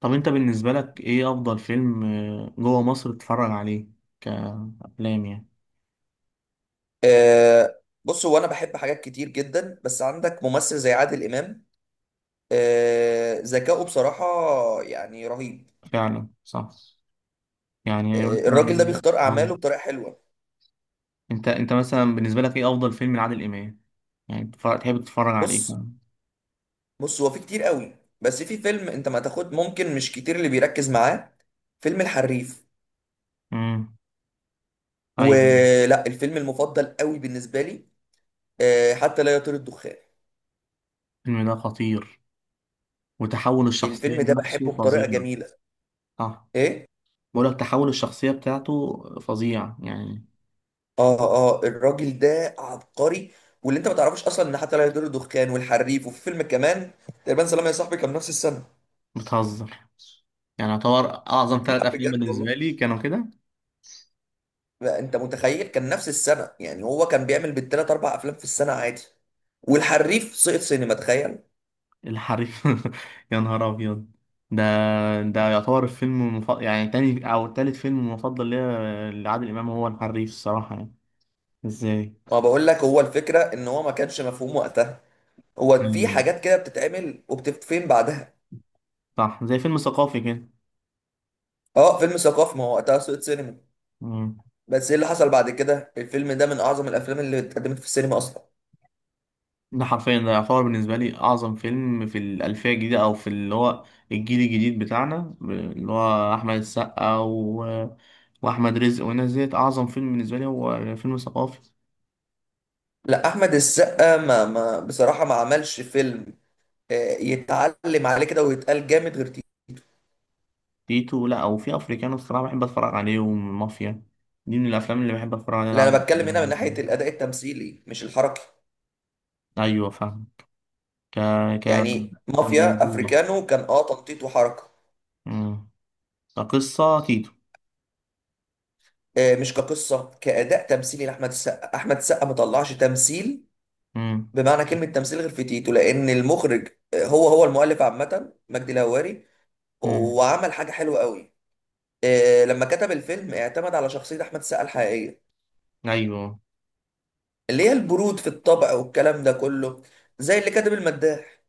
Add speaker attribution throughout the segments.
Speaker 1: طب انت بالنسبة لك ايه افضل فيلم جوه مصر تتفرج عليه؟ كأفلام يعني.
Speaker 2: بص هو انا بحب حاجات كتير جدا، بس عندك ممثل زي عادل امام. ذكائه بصراحه يعني رهيب.
Speaker 1: فعلا صح. يعني
Speaker 2: الراجل ده
Speaker 1: مثلا.
Speaker 2: بيختار اعماله
Speaker 1: هم-
Speaker 2: بطريقه حلوه.
Speaker 1: انت مثلا بالنسبة لك ايه افضل فيلم لعادل امام؟ يعني تحب تتفرج على ايه
Speaker 2: بص
Speaker 1: فعلا؟
Speaker 2: بص هو في كتير قوي، بس في فيلم انت ما تاخد ممكن مش كتير اللي بيركز معاه: فيلم الحريف،
Speaker 1: امم. ايوه.
Speaker 2: ولا الفيلم المفضل قوي بالنسبه لي. حتى لا يطير الدخان.
Speaker 1: الفيلم ده خطير، وتحول الشخصية
Speaker 2: الفيلم ده بحبه
Speaker 1: نفسه
Speaker 2: بطريقه
Speaker 1: فظيع.
Speaker 2: جميله.
Speaker 1: صح.
Speaker 2: ايه.
Speaker 1: بقول لك تحول الشخصية بتاعته فظيع يعني.
Speaker 2: اه الراجل ده عبقري. واللي انت ما تعرفوش اصلا ان حتى لا يدور الدخان والحريف وفي فيلم كمان تقريبا سلام يا صاحبي كان نفس السنه.
Speaker 1: بتهزر؟ يعني يعتبر اعظم ثلاث
Speaker 2: لا،
Speaker 1: افلام
Speaker 2: بجد والله.
Speaker 1: بالنسبة لي كانوا كده.
Speaker 2: لا، انت متخيل؟ كان نفس السنه، يعني هو كان بيعمل بالثلاث اربع افلام في السنه عادي. والحريف سقط سينما، تخيل.
Speaker 1: الحريف. يا نهار ابيض. ده ده يعتبر الفيلم المفضل، يعني تاني او تالت فيلم مفضل ليا لعادل امام هو الحريف الصراحه يعني. ازاي؟
Speaker 2: ما بقول لك هو الفكره ان هو ما كانش مفهوم وقتها. هو في
Speaker 1: يعني
Speaker 2: حاجات كده بتتعمل وبتتفهم بعدها.
Speaker 1: صح، زي فيلم ثقافي كده.
Speaker 2: اه، فيلم ثقافي، ما هو وقتها سقط سينما.
Speaker 1: مم.
Speaker 2: بس ايه اللي حصل بعد كده؟ الفيلم ده من اعظم الافلام اللي اتقدمت في السينما اصلا.
Speaker 1: ده حرفيا ده يعتبر بالنسبه لي اعظم فيلم في الالفيه الجديده، او في اللي هو الجيل الجديد بتاعنا، اللي هو احمد السقا واحمد رزق والناس ديت. اعظم فيلم بالنسبه لي هو فيلم ثقافي.
Speaker 2: لا، احمد السقا ما ما بصراحه ما عملش فيلم آه، يتعلم عليه كده ويتقال جامد غير تيتو.
Speaker 1: تيتو، لا، او في افريكانو الصراحه بحب اتفرج عليهم. مافيا دي من الافلام اللي بحب اتفرج عليها
Speaker 2: لا، انا بتكلم هنا من ناحيه الاداء التمثيلي مش الحركي.
Speaker 1: ايوه فاهم. ك ك
Speaker 2: يعني مافيا
Speaker 1: كموضوع.
Speaker 2: افريكانو كان تنطيط وحركه.
Speaker 1: امم. كقصه تيتو.
Speaker 2: مش كقصه، كاداء تمثيلي لاحمد السقا. احمد السقا ما طلعش تمثيل
Speaker 1: امم.
Speaker 2: بمعنى كلمه تمثيل غير في تيتو، لان المخرج هو المؤلف عامه مجدي الهواري،
Speaker 1: امم.
Speaker 2: وعمل حاجه حلوه قوي. لما كتب الفيلم اعتمد على شخصيه احمد السقا الحقيقيه،
Speaker 1: ايوه.
Speaker 2: اللي هي البرود في الطبع والكلام ده كله، زي اللي كاتب المداح.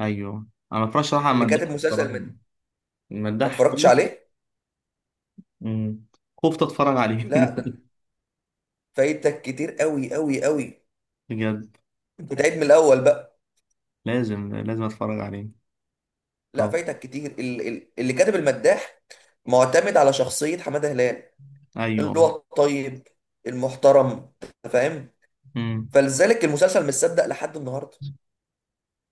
Speaker 1: ايوه انا ما اتفرجش صراحه على
Speaker 2: اللي كاتب
Speaker 1: المداح
Speaker 2: مسلسل
Speaker 1: الصراحه.
Speaker 2: ما
Speaker 1: المداح
Speaker 2: اتفرجتش
Speaker 1: كويس.
Speaker 2: عليه.
Speaker 1: امم. خفت اتفرج عليه.
Speaker 2: لا، ده فايتك كتير قوي قوي قوي.
Speaker 1: بجد.
Speaker 2: انت تعيد من الاول بقى.
Speaker 1: لازم لازم اتفرج عليه.
Speaker 2: لا،
Speaker 1: طب.
Speaker 2: فايتك كتير. اللي كاتب المداح معتمد على شخصية حمادة هلال، اللي
Speaker 1: ايوه.
Speaker 2: هو الطيب المحترم، أنت فاهم،
Speaker 1: امم.
Speaker 2: فلذلك المسلسل مش صدق لحد النهارده.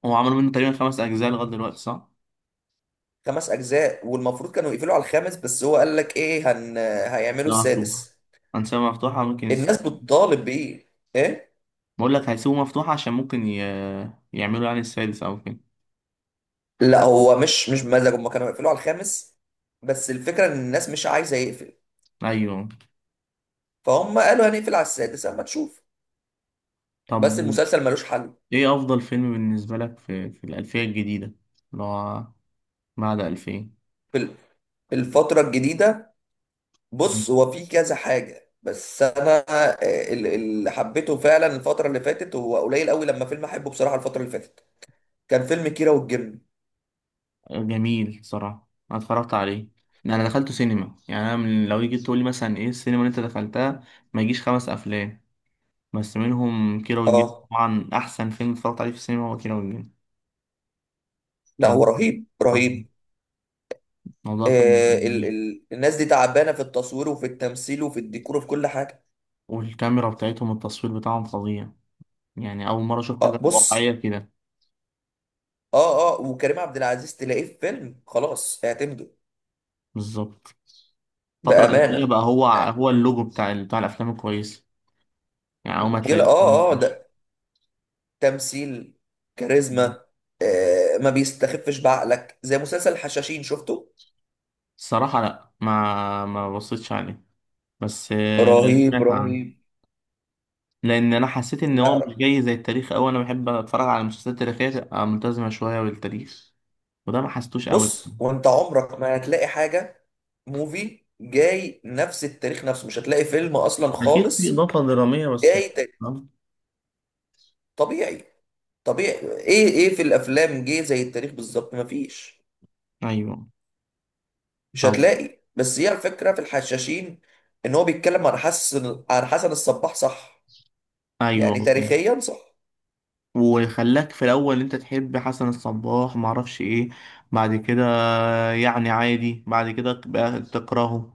Speaker 1: هو عملوا منه تقريبا خمس اجزاء لغايه دلوقتي، صح؟
Speaker 2: خمس اجزاء، والمفروض كانوا يقفلوا على الخامس، بس هو قال لك ايه هيعملوا
Speaker 1: لا مفتوح.
Speaker 2: السادس.
Speaker 1: انسان مفتوحه ممكن.
Speaker 2: الناس بتطالب بايه؟ ايه؟
Speaker 1: بقول لك هيسيبوه مفتوح عشان ممكن يعملوا يعني السادس او كده.
Speaker 2: لا، هو مش بمزاج، هم كانوا هيقفلوا على الخامس، بس الفكره ان الناس مش عايزه يقفل،
Speaker 1: ايوه.
Speaker 2: فهم قالوا هنقفل على السادس اما تشوف.
Speaker 1: طب
Speaker 2: بس المسلسل ملوش حل.
Speaker 1: ايه افضل فيلم بالنسبه لك في الالفيه الجديده، اللي هو بعد 2000؟
Speaker 2: في ال- في الفتره الجديده، بص هو في كذا حاجه، بس انا اللي حبيته فعلا الفتره اللي فاتت هو قليل قوي لما فيلم احبه بصراحه. الفتره اللي فاتت كان فيلم كيرة والجن.
Speaker 1: جميل صراحه، انا اتفرجت عليه. انا دخلته سينما، يعني انا من لو جيت تقول لي مثلا ايه السينما اللي انت دخلتها، ما يجيش خمس افلام. بس منهم كيرة والجن.
Speaker 2: اه.
Speaker 1: طبعا احسن فيلم اتفرجت عليه في السينما هو كيرة والجن.
Speaker 2: لا،
Speaker 1: كان
Speaker 2: هو رهيب
Speaker 1: آه،
Speaker 2: رهيب.
Speaker 1: الموضوع كان
Speaker 2: آه ال
Speaker 1: جميل.
Speaker 2: ال الناس دي تعبانه في التصوير وفي التمثيل وفي الديكور وفي كل حاجه.
Speaker 1: والكاميرا بتاعتهم، التصوير بتاعهم فظيع. يعني اول مره اشوف
Speaker 2: اه،
Speaker 1: حاجه واقعيه
Speaker 2: بص،
Speaker 1: كده.
Speaker 2: اه وكريم عبد العزيز تلاقيه في فيلم خلاص اعتمده
Speaker 1: بالظبط. الفترة الأخيرة
Speaker 2: بأمانة.
Speaker 1: بقى هو اللوجو بتاع الأفلام الكويسة. يعني أول ما
Speaker 2: جيل
Speaker 1: تلاقيه.
Speaker 2: ده تمثيل، كاريزما. ما بيستخفش بعقلك، زي مسلسل الحشاشين. شفته؟
Speaker 1: الصراحة لأ، ما بصيتش عليه. بس
Speaker 2: رهيب
Speaker 1: سمعت عنه.
Speaker 2: رهيب.
Speaker 1: لأن أنا حسيت إن هو
Speaker 2: لا
Speaker 1: مش جاي زي التاريخ أوي. أنا بحب أتفرج على المسلسلات التاريخية، تبقى ملتزمة شوية بالتاريخ. وده ما حسيتوش أوي.
Speaker 2: بص، وانت عمرك ما هتلاقي حاجة. موفي جاي نفس التاريخ نفسه، مش هتلاقي فيلم اصلا
Speaker 1: أكيد في
Speaker 2: خالص.
Speaker 1: إضافة درامية، بس يعني.
Speaker 2: جاي ت-
Speaker 1: آه.
Speaker 2: طبيعي طبيعي. ايه في الافلام جه زي التاريخ بالظبط؟ مفيش.
Speaker 1: أيوه.
Speaker 2: مش
Speaker 1: طب.
Speaker 2: هتلاقي. بس هي الفكرة في الحشاشين ان هو بيتكلم عن حسن الصباح، صح؟ يعني
Speaker 1: أيوه.
Speaker 2: تاريخيا صح.
Speaker 1: وخلاك في الأول أنت تحب حسن الصباح، معرفش إيه. بعد كده يعني عادي، بعد كده بقى تكرهه.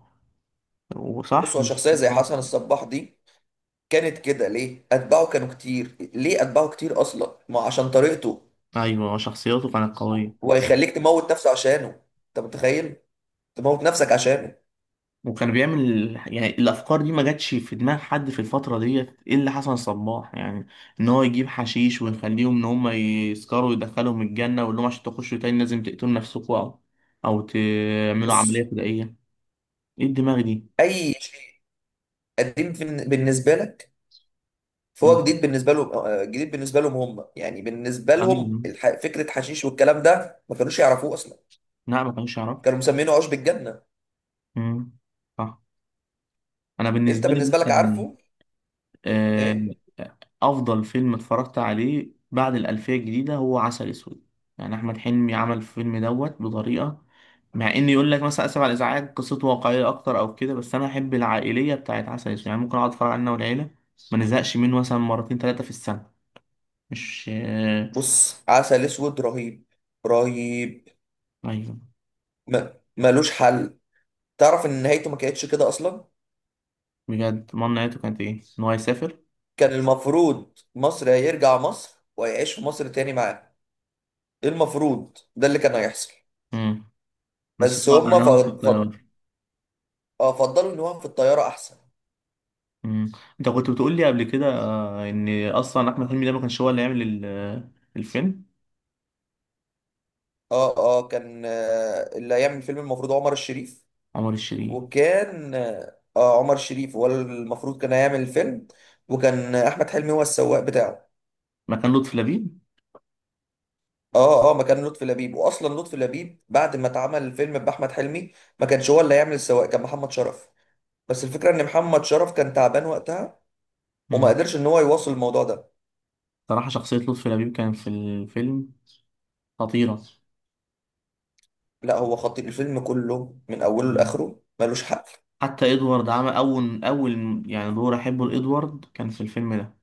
Speaker 2: بص،
Speaker 1: وصح.
Speaker 2: هو
Speaker 1: مش
Speaker 2: شخصية
Speaker 1: مش
Speaker 2: زي حسن الصباح دي كانت كده ليه؟ اتباعه كانوا كتير، ليه اتباعه كتير اصلا؟ ما عشان طريقته.
Speaker 1: ايوه شخصيته كانت قويه.
Speaker 2: هو يخليك تموت نفسه عشانه. انت متخيل؟ تموت نفسك عشانه.
Speaker 1: وكان بيعمل يعني الافكار دي ما جاتش في دماغ حد في الفتره ديت الا حسن صباح يعني. ان هو يجيب حشيش ويخليهم ان هم يسكروا ويدخلهم الجنه ويقول لهم عشان تخشوا تاني لازم تقتلوا نفسكم، او تعملوا عمليه
Speaker 2: بص،
Speaker 1: فدائيه. ايه الدماغ دي؟
Speaker 2: اي شيء قديم بالنسبة لك،
Speaker 1: مم.
Speaker 2: فهو جديد بالنسبة لهم. جديد بالنسبة لهم هم. يعني بالنسبة
Speaker 1: ايوه.
Speaker 2: لهم فكرة حشيش والكلام ده ما كانوش يعرفوه اصلا.
Speaker 1: لا ما كانوش يعرفوا.
Speaker 2: كانوا مسمينه عشب الجنة.
Speaker 1: مم. صح. انا
Speaker 2: انت
Speaker 1: بالنسبه لي
Speaker 2: بالنسبه لك
Speaker 1: مثلا،
Speaker 2: عارفه
Speaker 1: آه،
Speaker 2: ايه؟
Speaker 1: افضل فيلم اتفرجت عليه بعد الالفيه الجديده هو عسل اسود. يعني احمد حلمي عمل الفيلم دوت بطريقه. مع ان يقول لك مثلا اسف على الازعاج قصته واقعيه اكتر او كده، بس انا احب العائليه بتاعت عسل اسود. يعني ممكن اقعد اتفرج عليه انا والعيله، ما نزهقش منه، مثلا مرتين ثلاثه في السنه. مش
Speaker 2: بص، عسل اسود رهيب رهيب،
Speaker 1: ايوه.
Speaker 2: ما ملوش حل. تعرف ان نهايته ما كانتش كده اصلا؟
Speaker 1: بجد، امال نهايته كانت ايه، ان هو يسافر؟
Speaker 2: كان المفروض مصر، هيرجع مصر وهيعيش في مصر تاني معاه. إيه، المفروض ده اللي كان هيحصل.
Speaker 1: امم. بس
Speaker 2: بس
Speaker 1: هو
Speaker 2: هما
Speaker 1: انا في
Speaker 2: فض... فض...
Speaker 1: الطياره.
Speaker 2: اه فضلوا ان هو في الطياره احسن.
Speaker 1: امم. انت كنت بتقول لي قبل كده ان اصلا احمد حلمي ده ما كانش هو اللي يعمل الفيلم.
Speaker 2: اه كان اللي هيعمل الفيلم المفروض عمر الشريف.
Speaker 1: عمر الشريف.
Speaker 2: وكان عمر الشريف هو المفروض كان هيعمل الفيلم، وكان احمد حلمي هو السواق بتاعه.
Speaker 1: مكان لطفي لبيب.
Speaker 2: اه مكان لطفي لبيب. واصلا لطفي لبيب بعد ما اتعمل الفيلم باحمد حلمي ما كانش هو اللي هيعمل السواق، كان محمد شرف. بس الفكره ان محمد شرف كان تعبان وقتها وما
Speaker 1: مم.
Speaker 2: قدرش ان هو يواصل الموضوع ده.
Speaker 1: صراحة شخصية لطفي لبيب كان في الفيلم خطيرة.
Speaker 2: لا، هو خطير، الفيلم كله من اوله
Speaker 1: مم.
Speaker 2: لاخره ملوش حل.
Speaker 1: حتى إدوارد عمل أول يعني دور أحبه لإدوارد كان في الفيلم ده.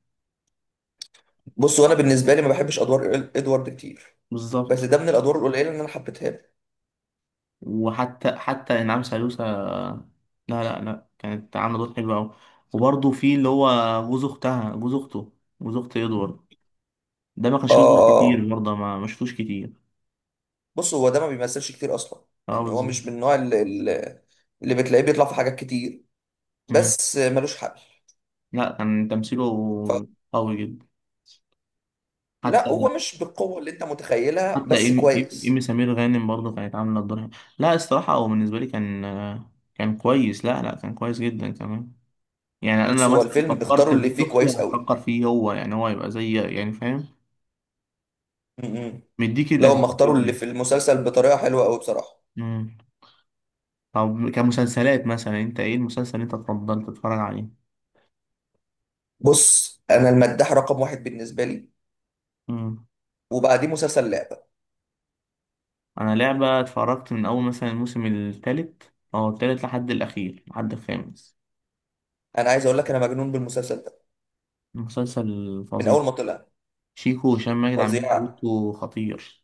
Speaker 2: بص، وانا بالنسبه لي ما بحبش ادوار ادوارد كتير، بس
Speaker 1: بالظبط.
Speaker 2: ده من الادوار القليله اللي انا حبيتها له.
Speaker 1: وحتى حتى إنعام سالوسة، لا، لا، لا، كانت عاملة دور حلو أوي. وبرضه في اللي هو جوز أخته، جوز أخت إدوارد. ده ما
Speaker 2: اه،
Speaker 1: كانش بيظهر
Speaker 2: اه،
Speaker 1: كتير
Speaker 2: آه.
Speaker 1: برضه، ما شفتوش كتير.
Speaker 2: بص، هو ده ما بيمثلش كتير اصلا،
Speaker 1: اه
Speaker 2: يعني هو
Speaker 1: بالظبط.
Speaker 2: مش من النوع اللي بتلاقيه بيطلع في حاجات كتير،
Speaker 1: مم.
Speaker 2: بس ملوش حل.
Speaker 1: لا كان تمثيله قوي جدا. حتى
Speaker 2: لا، هو مش بالقوة اللي انت متخيلها،
Speaker 1: حتى
Speaker 2: بس
Speaker 1: إيمي
Speaker 2: كويس.
Speaker 1: سمير غانم برضه كانت عاملة الدور حلو. لا الصراحة هو بالنسبة لي كان كويس. لا، لا، كان كويس جدا كمان. يعني أنا
Speaker 2: بص، هو
Speaker 1: مثلا
Speaker 2: الفيلم
Speaker 1: فكرت
Speaker 2: اختاروا
Speaker 1: في
Speaker 2: اللي
Speaker 1: جوز
Speaker 2: فيه
Speaker 1: أختي،
Speaker 2: كويس قوي.
Speaker 1: هفكر فيه هو، يعني هو يبقى زي، يعني فاهم،
Speaker 2: م-م.
Speaker 1: مديك
Speaker 2: لو هم اختاروا اللي
Speaker 1: الأتيتيود.
Speaker 2: في المسلسل بطريقة حلوة قوي بصراحة.
Speaker 1: أمم. طب كمسلسلات مثلا، أنت إيه المسلسل اللي أنت تفضل تتفرج عليه؟
Speaker 2: بص، انا المداح رقم واحد بالنسبة لي،
Speaker 1: أمم.
Speaker 2: وبعديه مسلسل لعبة.
Speaker 1: أنا لعبة اتفرجت من أول مثلا الموسم التالت لحد الأخير، لحد الخامس.
Speaker 2: انا عايز اقول لك انا مجنون بالمسلسل ده
Speaker 1: مسلسل
Speaker 2: من
Speaker 1: فظيع.
Speaker 2: اول ما طلع.
Speaker 1: شيكو وهشام ماجد عاملين
Speaker 2: فظيع.
Speaker 1: دوتو خطير.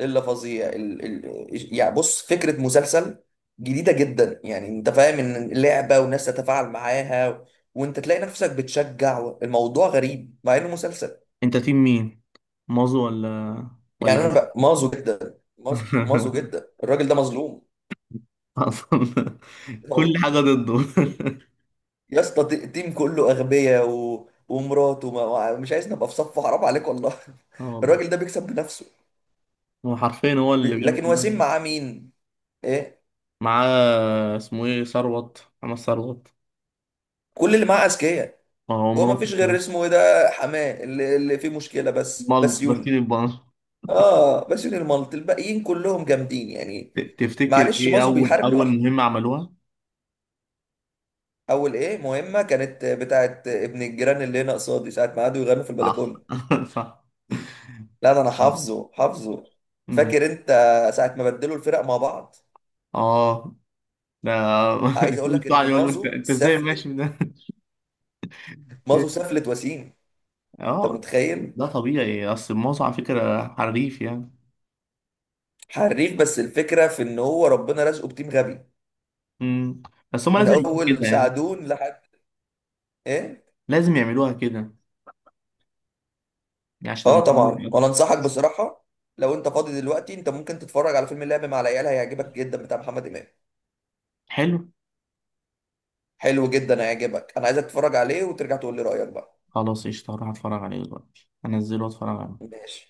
Speaker 2: الا فظيع يعني بص، فكرة مسلسل جديدة جدا. يعني انت فاهم ان لعبة وناس تتفاعل معاها، وانت تلاقي نفسك بتشجع. الموضوع غريب مع انه مسلسل.
Speaker 1: انت تيم مين، مازو ولا
Speaker 2: يعني انا
Speaker 1: ويل؟
Speaker 2: بقى مازو جدا، مازو مازو جدا، الراجل ده مظلوم
Speaker 1: اصلا. كل
Speaker 2: والله.
Speaker 1: حاجه ضده.
Speaker 2: يا اسطى، التيم كله اغبياء، ومراته ما... مش عايز نبقى في صفه، حرام عليك والله.
Speaker 1: اه والله.
Speaker 2: الراجل ده بيكسب بنفسه.
Speaker 1: هو حرفيا هو اللي بيعمل
Speaker 2: لكن
Speaker 1: كل
Speaker 2: وسيم
Speaker 1: حاجة.
Speaker 2: معاه مين؟ ايه؟
Speaker 1: معاه اسمه ايه، ثروت، محمد ثروت.
Speaker 2: كل اللي معاه اذكياء.
Speaker 1: اه
Speaker 2: هو ما
Speaker 1: مراته
Speaker 2: فيش
Speaker 1: كمان.
Speaker 2: غير اسمه ايه ده، حماه اللي فيه مشكله،
Speaker 1: مال
Speaker 2: بس
Speaker 1: بس
Speaker 2: يوني.
Speaker 1: البنك.
Speaker 2: اه، بس يوني الملط، الباقيين كلهم جامدين يعني.
Speaker 1: تفتكر
Speaker 2: معلش،
Speaker 1: ايه
Speaker 2: مازو
Speaker 1: اول
Speaker 2: بيحارب
Speaker 1: اول
Speaker 2: لوحده.
Speaker 1: مهمه عملوها؟
Speaker 2: اول ايه مهمه كانت بتاعت ابن الجيران اللي هنا قصادي ساعه ما قعدوا يغنوا في
Speaker 1: صح.
Speaker 2: البلكونه.
Speaker 1: صح.
Speaker 2: لا، ده انا حافظه حافظه.
Speaker 1: أمم.
Speaker 2: فاكر انت ساعه ما بدلوا الفرق مع بعض؟
Speaker 1: اه ده.
Speaker 2: عايز اقول
Speaker 1: كل
Speaker 2: لك
Speaker 1: ساعه
Speaker 2: ان
Speaker 1: يقول له، انت
Speaker 2: مازو
Speaker 1: انت ازاي ماشي من
Speaker 2: سفلت.
Speaker 1: ده؟
Speaker 2: مازو سفلت وسيم. انت
Speaker 1: اه.
Speaker 2: متخيل؟
Speaker 1: ده طبيعي، اصل مازو على فكره حريف يعني.
Speaker 2: حريف، بس الفكره في ان هو ربنا رزقه بتيم غبي.
Speaker 1: مم. بس هم
Speaker 2: من
Speaker 1: لازم يعملوها
Speaker 2: اول
Speaker 1: كده يعني،
Speaker 2: سعدون لحد ايه.
Speaker 1: لازم يعملوها كده يعني عشان تبقى
Speaker 2: اه،
Speaker 1: موجودة في
Speaker 2: طبعا. وانا
Speaker 1: الوقت.
Speaker 2: انصحك بصراحه، لو انت فاضي دلوقتي انت ممكن تتفرج على فيلم اللعب مع العيال، هيعجبك جدا، بتاع محمد امام.
Speaker 1: حلو.
Speaker 2: حلو جدا، هيعجبك، انا عايزك تتفرج عليه وترجع تقول لي رايك بقى.
Speaker 1: خلاص قشطة، هروح اتفرج عليه دلوقتي، انزله واتفرج عليه.
Speaker 2: ماشي.